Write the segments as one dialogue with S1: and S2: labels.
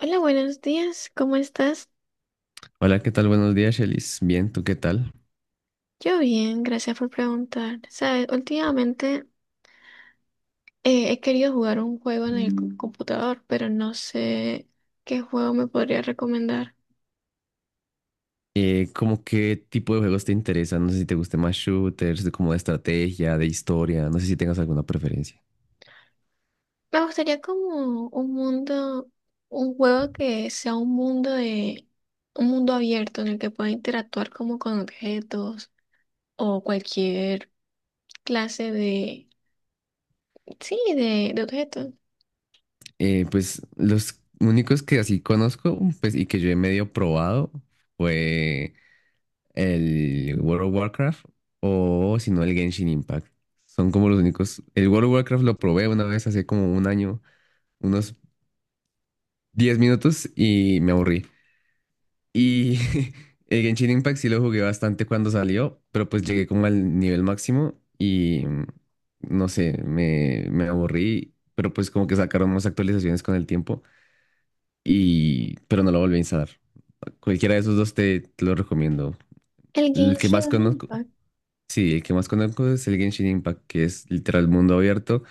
S1: Hola, buenos días, ¿cómo estás?
S2: Hola, ¿qué tal? Buenos días, Shelis. Bien, ¿tú qué tal?
S1: Yo bien, gracias por preguntar. Sabes, últimamente he querido jugar un juego en el computador, pero no sé qué juego me podría recomendar.
S2: ¿Cómo qué tipo de juegos te interesan? No sé si te gusten más shooters, de como de estrategia, de historia, no sé si tengas alguna preferencia.
S1: Me gustaría como un mundo, un juego que sea un mundo de, un mundo abierto en el que pueda interactuar como con objetos o cualquier clase de, sí, de objetos.
S2: Pues los únicos que así conozco, pues y que yo he medio probado fue el World of Warcraft o si no el Genshin Impact. Son como los únicos. El World of Warcraft lo probé una vez hace como un año, unos 10 minutos y me aburrí. Y el Genshin Impact sí lo jugué bastante cuando salió, pero pues llegué como al nivel máximo y no sé, me aburrí, pero pues como que sacaron más actualizaciones con el tiempo y pero no lo volví a instalar. Cualquiera de esos dos te lo recomiendo.
S1: El
S2: El que más
S1: Genshin
S2: conozco,
S1: Impact.
S2: sí, el que más conozco es el Genshin Impact, que es literal mundo abierto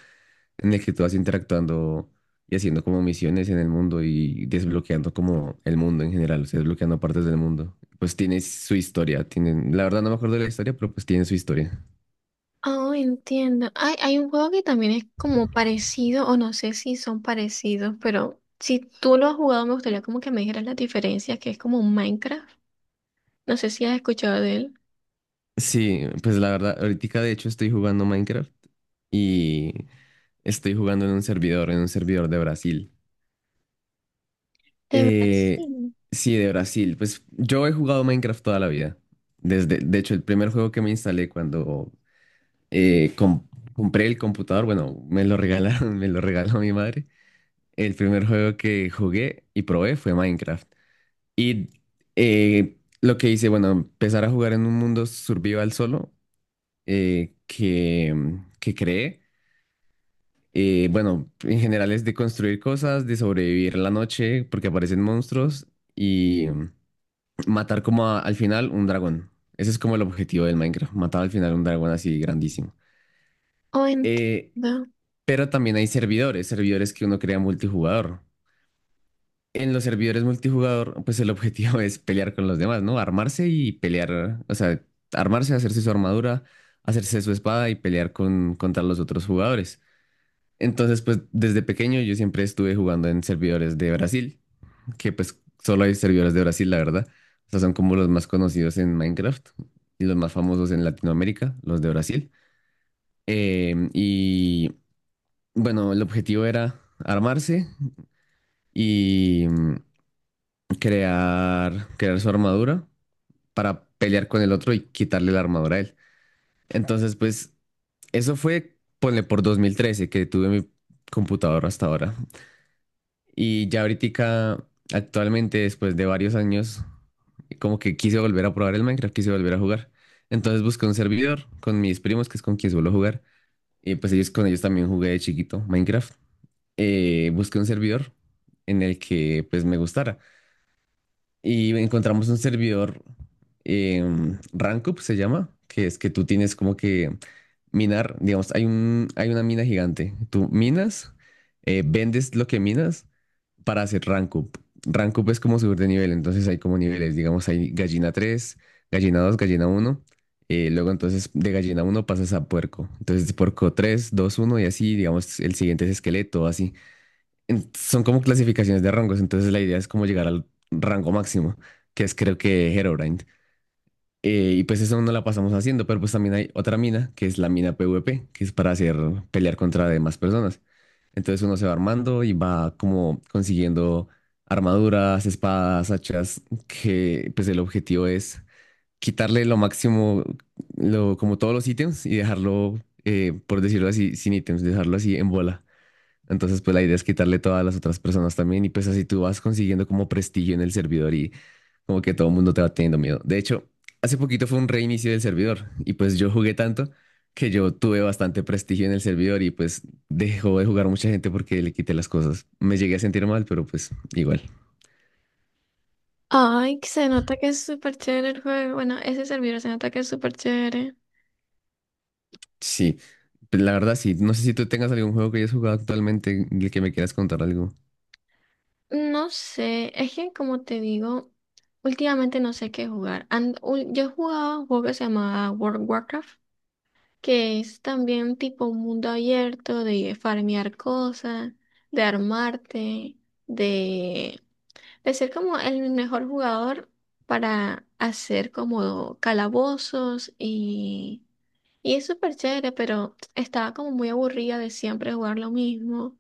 S2: en el que tú vas interactuando y haciendo como misiones en el mundo y desbloqueando como el mundo en general, o sea, desbloqueando partes del mundo. Pues tiene su historia, tienen, la verdad no me acuerdo de la historia, pero pues tiene su historia.
S1: Oh, entiendo. Hay un juego que también es como parecido, o no sé si son parecidos, pero si tú lo has jugado, me gustaría como que me dijeras las diferencias, que es como un Minecraft. No sé si has escuchado de él.
S2: Sí, pues la verdad, ahorita de hecho estoy jugando Minecraft y estoy jugando en un servidor de Brasil.
S1: De verdad,
S2: Eh,
S1: sí.
S2: sí, de Brasil. Pues yo he jugado Minecraft toda la vida. Desde, de hecho, el primer juego que me instalé cuando eh, com- compré el computador, bueno, me lo regalaron, me lo regaló mi madre. El primer juego que jugué y probé fue Minecraft. Y lo que hice, bueno, empezar a jugar en un mundo survival solo eh, que, que creé. Bueno, en general es de construir cosas, de sobrevivir la noche porque aparecen monstruos y matar como al final un dragón. Ese es como el objetivo del Minecraft, matar al final un dragón así grandísimo.
S1: Oh,
S2: Eh,
S1: entiendo.
S2: Pero también hay servidores, servidores que uno crea multijugador. En los servidores multijugador, pues el objetivo es pelear con los demás, ¿no? Armarse y pelear, o sea, armarse, hacerse su armadura, hacerse su espada y pelear con, contra los otros jugadores. Entonces, pues desde pequeño yo siempre estuve jugando en servidores de Brasil, que pues solo hay servidores de Brasil, la verdad. O sea, son como los más conocidos en Minecraft y los más famosos en Latinoamérica, los de Brasil. Y bueno, el objetivo era armarse, y crear su armadura para pelear con el otro y quitarle la armadura a él. Entonces, pues eso fue, ponle por 2013 que tuve mi computadora hasta ahora. Y ya ahorita, actualmente, después de varios años, como que quise volver a probar el Minecraft, quise volver a jugar. Entonces busqué un servidor con mis primos, que es con quien suelo jugar. Y pues ellos con ellos también jugué de chiquito Minecraft. Busqué un servidor en el que pues me gustara. Y encontramos un servidor, Rankup se llama, que es que tú tienes como que minar, digamos, hay un, hay una mina gigante. Tú minas, vendes lo que minas para hacer Rankup. Rankup es como subir de nivel, entonces hay como niveles, digamos, hay gallina 3, gallina 2, gallina 1 Luego entonces de gallina 1 pasas a puerco. Entonces puerco 3, 2, 1 y así, digamos, el siguiente es esqueleto, así son como clasificaciones de rangos, entonces la idea es como llegar al rango máximo, que es creo que Herobrine. Y pues eso no la pasamos haciendo, pero pues también hay otra mina, que es la mina PvP, que es para hacer pelear contra demás personas. Entonces uno se va armando y va como consiguiendo armaduras, espadas, hachas, que pues el objetivo es quitarle lo máximo, lo, como todos los ítems y dejarlo, por decirlo así, sin ítems, dejarlo así en bola. Entonces, pues la idea es quitarle todas las otras personas también y pues así tú vas consiguiendo como prestigio en el servidor y como que todo el mundo te va teniendo miedo. De hecho, hace poquito fue un reinicio del servidor y pues yo jugué tanto que yo tuve bastante prestigio en el servidor y pues dejó de jugar mucha gente porque le quité las cosas. Me llegué a sentir mal, pero pues igual.
S1: Ay, que se nota que es súper chévere el juego. Bueno, ese servidor se nota que es súper chévere.
S2: Sí, pues, la verdad sí. No sé si tú tengas algún juego que hayas jugado actualmente del que me quieras contar algo.
S1: No sé, es que como te digo, últimamente no sé qué jugar. Yo jugaba un juego que se llamaba World of Warcraft, que es también tipo un mundo abierto de farmear cosas, de armarte, de, de ser como el mejor jugador para hacer como calabozos y es súper chévere, pero estaba como muy aburrida de siempre jugar lo mismo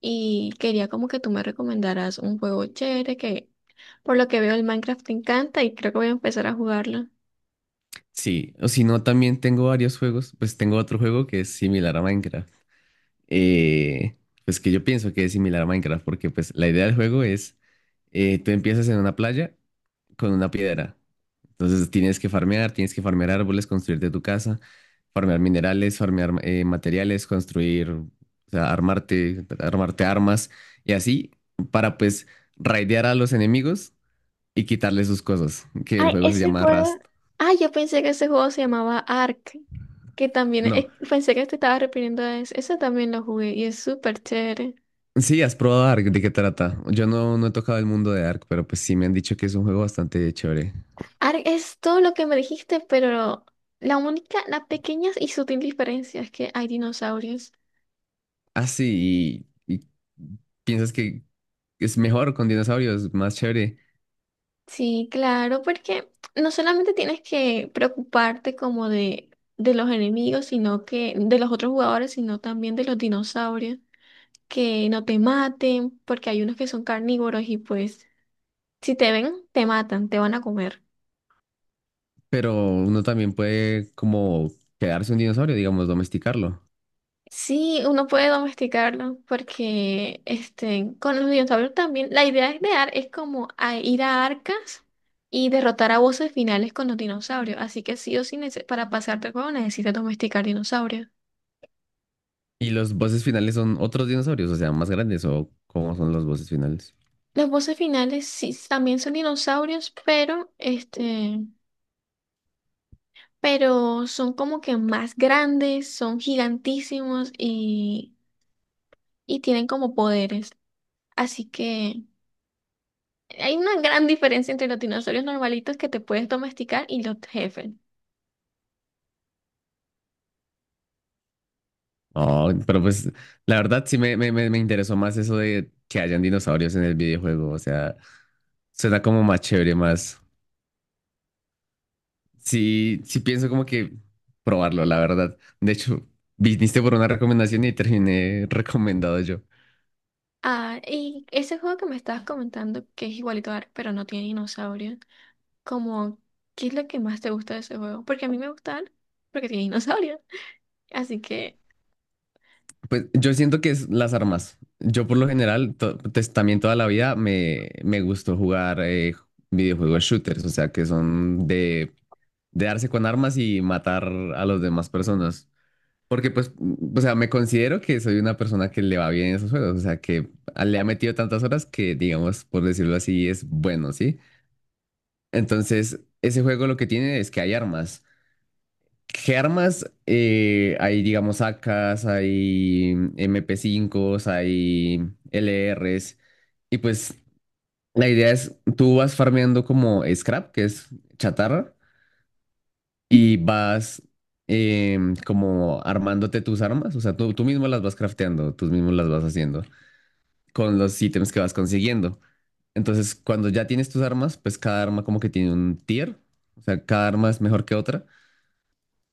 S1: y quería como que tú me recomendaras un juego chévere que, por lo que veo, el Minecraft te encanta y creo que voy a empezar a jugarlo.
S2: Sí, o si no, también tengo varios juegos. Pues tengo otro juego que es similar a Minecraft. eh, pues que yo pienso que es similar a Minecraft, porque pues la idea del juego es, tú empiezas en una playa con una piedra, entonces tienes que farmear árboles, construirte tu casa, farmear minerales, farmear materiales, construir, o sea, armarte, armas y así para pues raidear a los enemigos y quitarles sus cosas, que el
S1: Ay,
S2: juego se
S1: ese
S2: llama
S1: juego.
S2: Rust.
S1: Ay, yo pensé que ese juego se llamaba Ark. Que también.
S2: No,
S1: Pensé que te estaba refiriendo a ese. Ese también lo jugué y es súper chévere.
S2: sí, has probado Ark, ¿de qué trata? Yo no he tocado el mundo de Ark, pero pues sí me han dicho que es un juego bastante chévere.
S1: Ark es todo lo que me dijiste, pero la única, la pequeña y sutil diferencia es que hay dinosaurios.
S2: Ah, sí, y piensas que es mejor con dinosaurios, más chévere,
S1: Sí, claro, porque no solamente tienes que preocuparte como de los enemigos, sino que de los otros jugadores, sino también de los dinosaurios, que no te maten, porque hay unos que son carnívoros y pues. Si te ven, te matan, te van a comer.
S2: pero uno también puede como quedarse un dinosaurio, digamos, domesticarlo.
S1: Sí, uno puede domesticarlo porque este, con los dinosaurios también la idea es de ar es como a ir a arcas y derrotar a voces finales con los dinosaurios. Así que sí o sí, para pasarte el juego necesitas domesticar dinosaurios.
S2: Y los voces finales son otros dinosaurios, o sea, más grandes, o cómo son los voces finales.
S1: Los voces finales sí también son dinosaurios, pero este, pero son como que más grandes, son gigantísimos y tienen como poderes. Así que hay una gran diferencia entre los dinosaurios normalitos que te puedes domesticar y los jefes.
S2: Oh, pero pues la verdad sí me interesó más eso de que hayan dinosaurios en el videojuego, o sea, suena como más chévere, más. Sí, sí pienso como que probarlo, la verdad. De hecho, viniste por una recomendación y terminé recomendado yo.
S1: Ah, y ese juego que me estabas comentando, que es igualito a Ark, pero no tiene dinosaurios, como, ¿qué es lo que más te gusta de ese juego? Porque a mí me gusta Ark, porque tiene dinosaurios. Así que,
S2: Pues yo siento que es las armas. Yo por lo general, pues, también toda la vida me gustó jugar videojuegos shooters, o sea, que son de darse con armas y matar a las demás personas. Porque pues, o sea, me considero que soy una persona que le va bien en esos juegos, o sea, que le ha metido tantas horas que, digamos, por decirlo así, es bueno, ¿sí? Entonces, ese juego lo que tiene es que hay armas. ¿Qué armas? Hay, digamos, AKs, hay MP5s, hay LRs. Y pues la idea es, tú vas farmeando como scrap, que es chatarra, y vas como armándote tus armas. O sea, tú mismo las vas crafteando, tú mismo las vas haciendo con los ítems que vas consiguiendo. Entonces, cuando ya tienes tus armas, pues cada arma como que tiene un tier. O sea, cada arma es mejor que otra.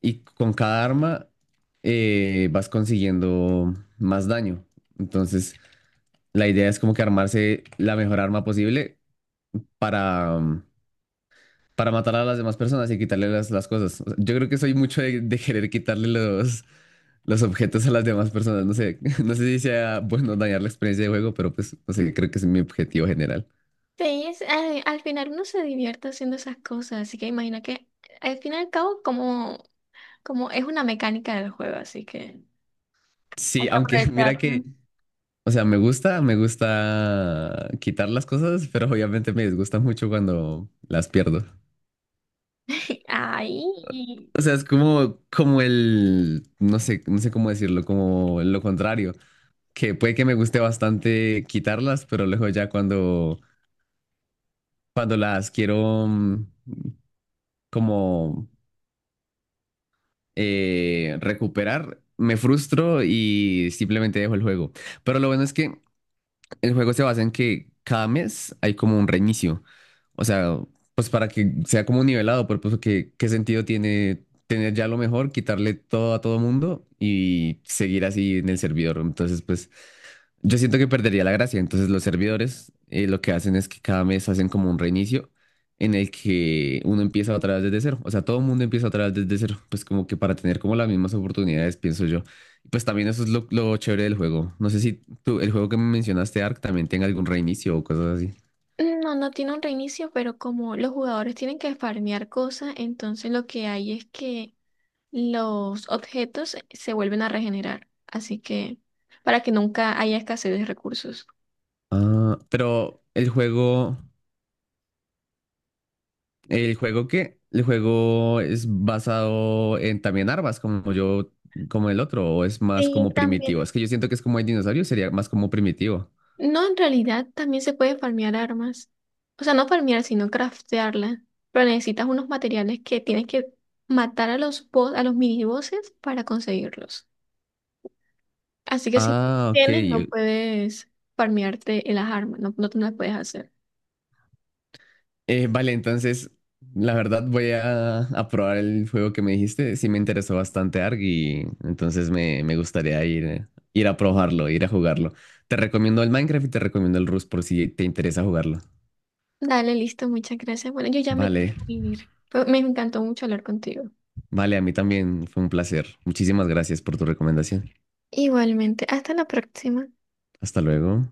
S2: Y con cada arma vas consiguiendo más daño. Entonces, la idea es como que armarse la mejor arma posible para, um, para matar a las demás personas y quitarle las cosas. O sea, yo creo que soy mucho de querer quitarle los objetos a las demás personas. No sé, no sé si sea bueno dañar la experiencia de juego, pero pues, no sé, creo que ese es mi objetivo general.
S1: sí, al final uno se divierte haciendo esas cosas, así que imagina que, al fin y al cabo, como, como es una mecánica del juego, así que... Ay,
S2: Sí, aunque mira
S1: claro.
S2: que, o sea, me gusta quitar las cosas, pero obviamente me disgusta mucho cuando las pierdo.
S1: Ay.
S2: O sea, es como, como el, no sé, no sé cómo decirlo, como lo contrario, que puede que me guste bastante quitarlas, pero luego ya cuando, las quiero como recuperar, me frustro y simplemente dejo el juego. Pero lo bueno es que el juego se basa en que cada mes hay como un reinicio. O sea, pues para que sea como nivelado, pero pues que, qué sentido tiene tener ya lo mejor, quitarle todo a todo mundo y seguir así en el servidor. Entonces, pues yo siento que perdería la gracia. Entonces, los servidores lo que hacen es que cada mes hacen como un reinicio en el que uno empieza otra vez desde cero. O sea, todo el mundo empieza otra vez desde cero. Pues como que para tener como las mismas oportunidades, pienso yo. Y pues también eso es lo chévere del juego. No sé si tú, el juego que me mencionaste, Ark, también tenga algún reinicio o cosas así.
S1: No, no tiene un reinicio, pero como los jugadores tienen que farmear cosas, entonces lo que hay es que los objetos se vuelven a regenerar. Así que para que nunca haya escasez de recursos.
S2: Ah, pero el juego qué el juego es basado en también armas, como yo, como el otro, o es más
S1: Sí,
S2: como
S1: también.
S2: primitivo. Es que yo siento que es como el dinosaurio, sería más como primitivo.
S1: No, en realidad también se puede farmear armas. O sea, no farmear, sino craftearla. Pero necesitas unos materiales que tienes que matar a los boss, a los minibosses para conseguirlos. Así que si no
S2: Ah, ok.
S1: tienes, no puedes farmearte en las armas, no, no te las puedes hacer.
S2: Vale, entonces, la verdad voy a probar el juego que me dijiste. Sí me interesó bastante ARG y entonces me gustaría ir a probarlo, ir a jugarlo. Te recomiendo el Minecraft y te recomiendo el Rust por si te interesa jugarlo.
S1: Dale, listo, muchas gracias. Bueno, yo ya me tengo
S2: Vale,
S1: que ir. Me encantó mucho hablar contigo.
S2: vale, a mí también fue un placer. Muchísimas gracias por tu recomendación.
S1: Igualmente, hasta la próxima.
S2: Hasta luego.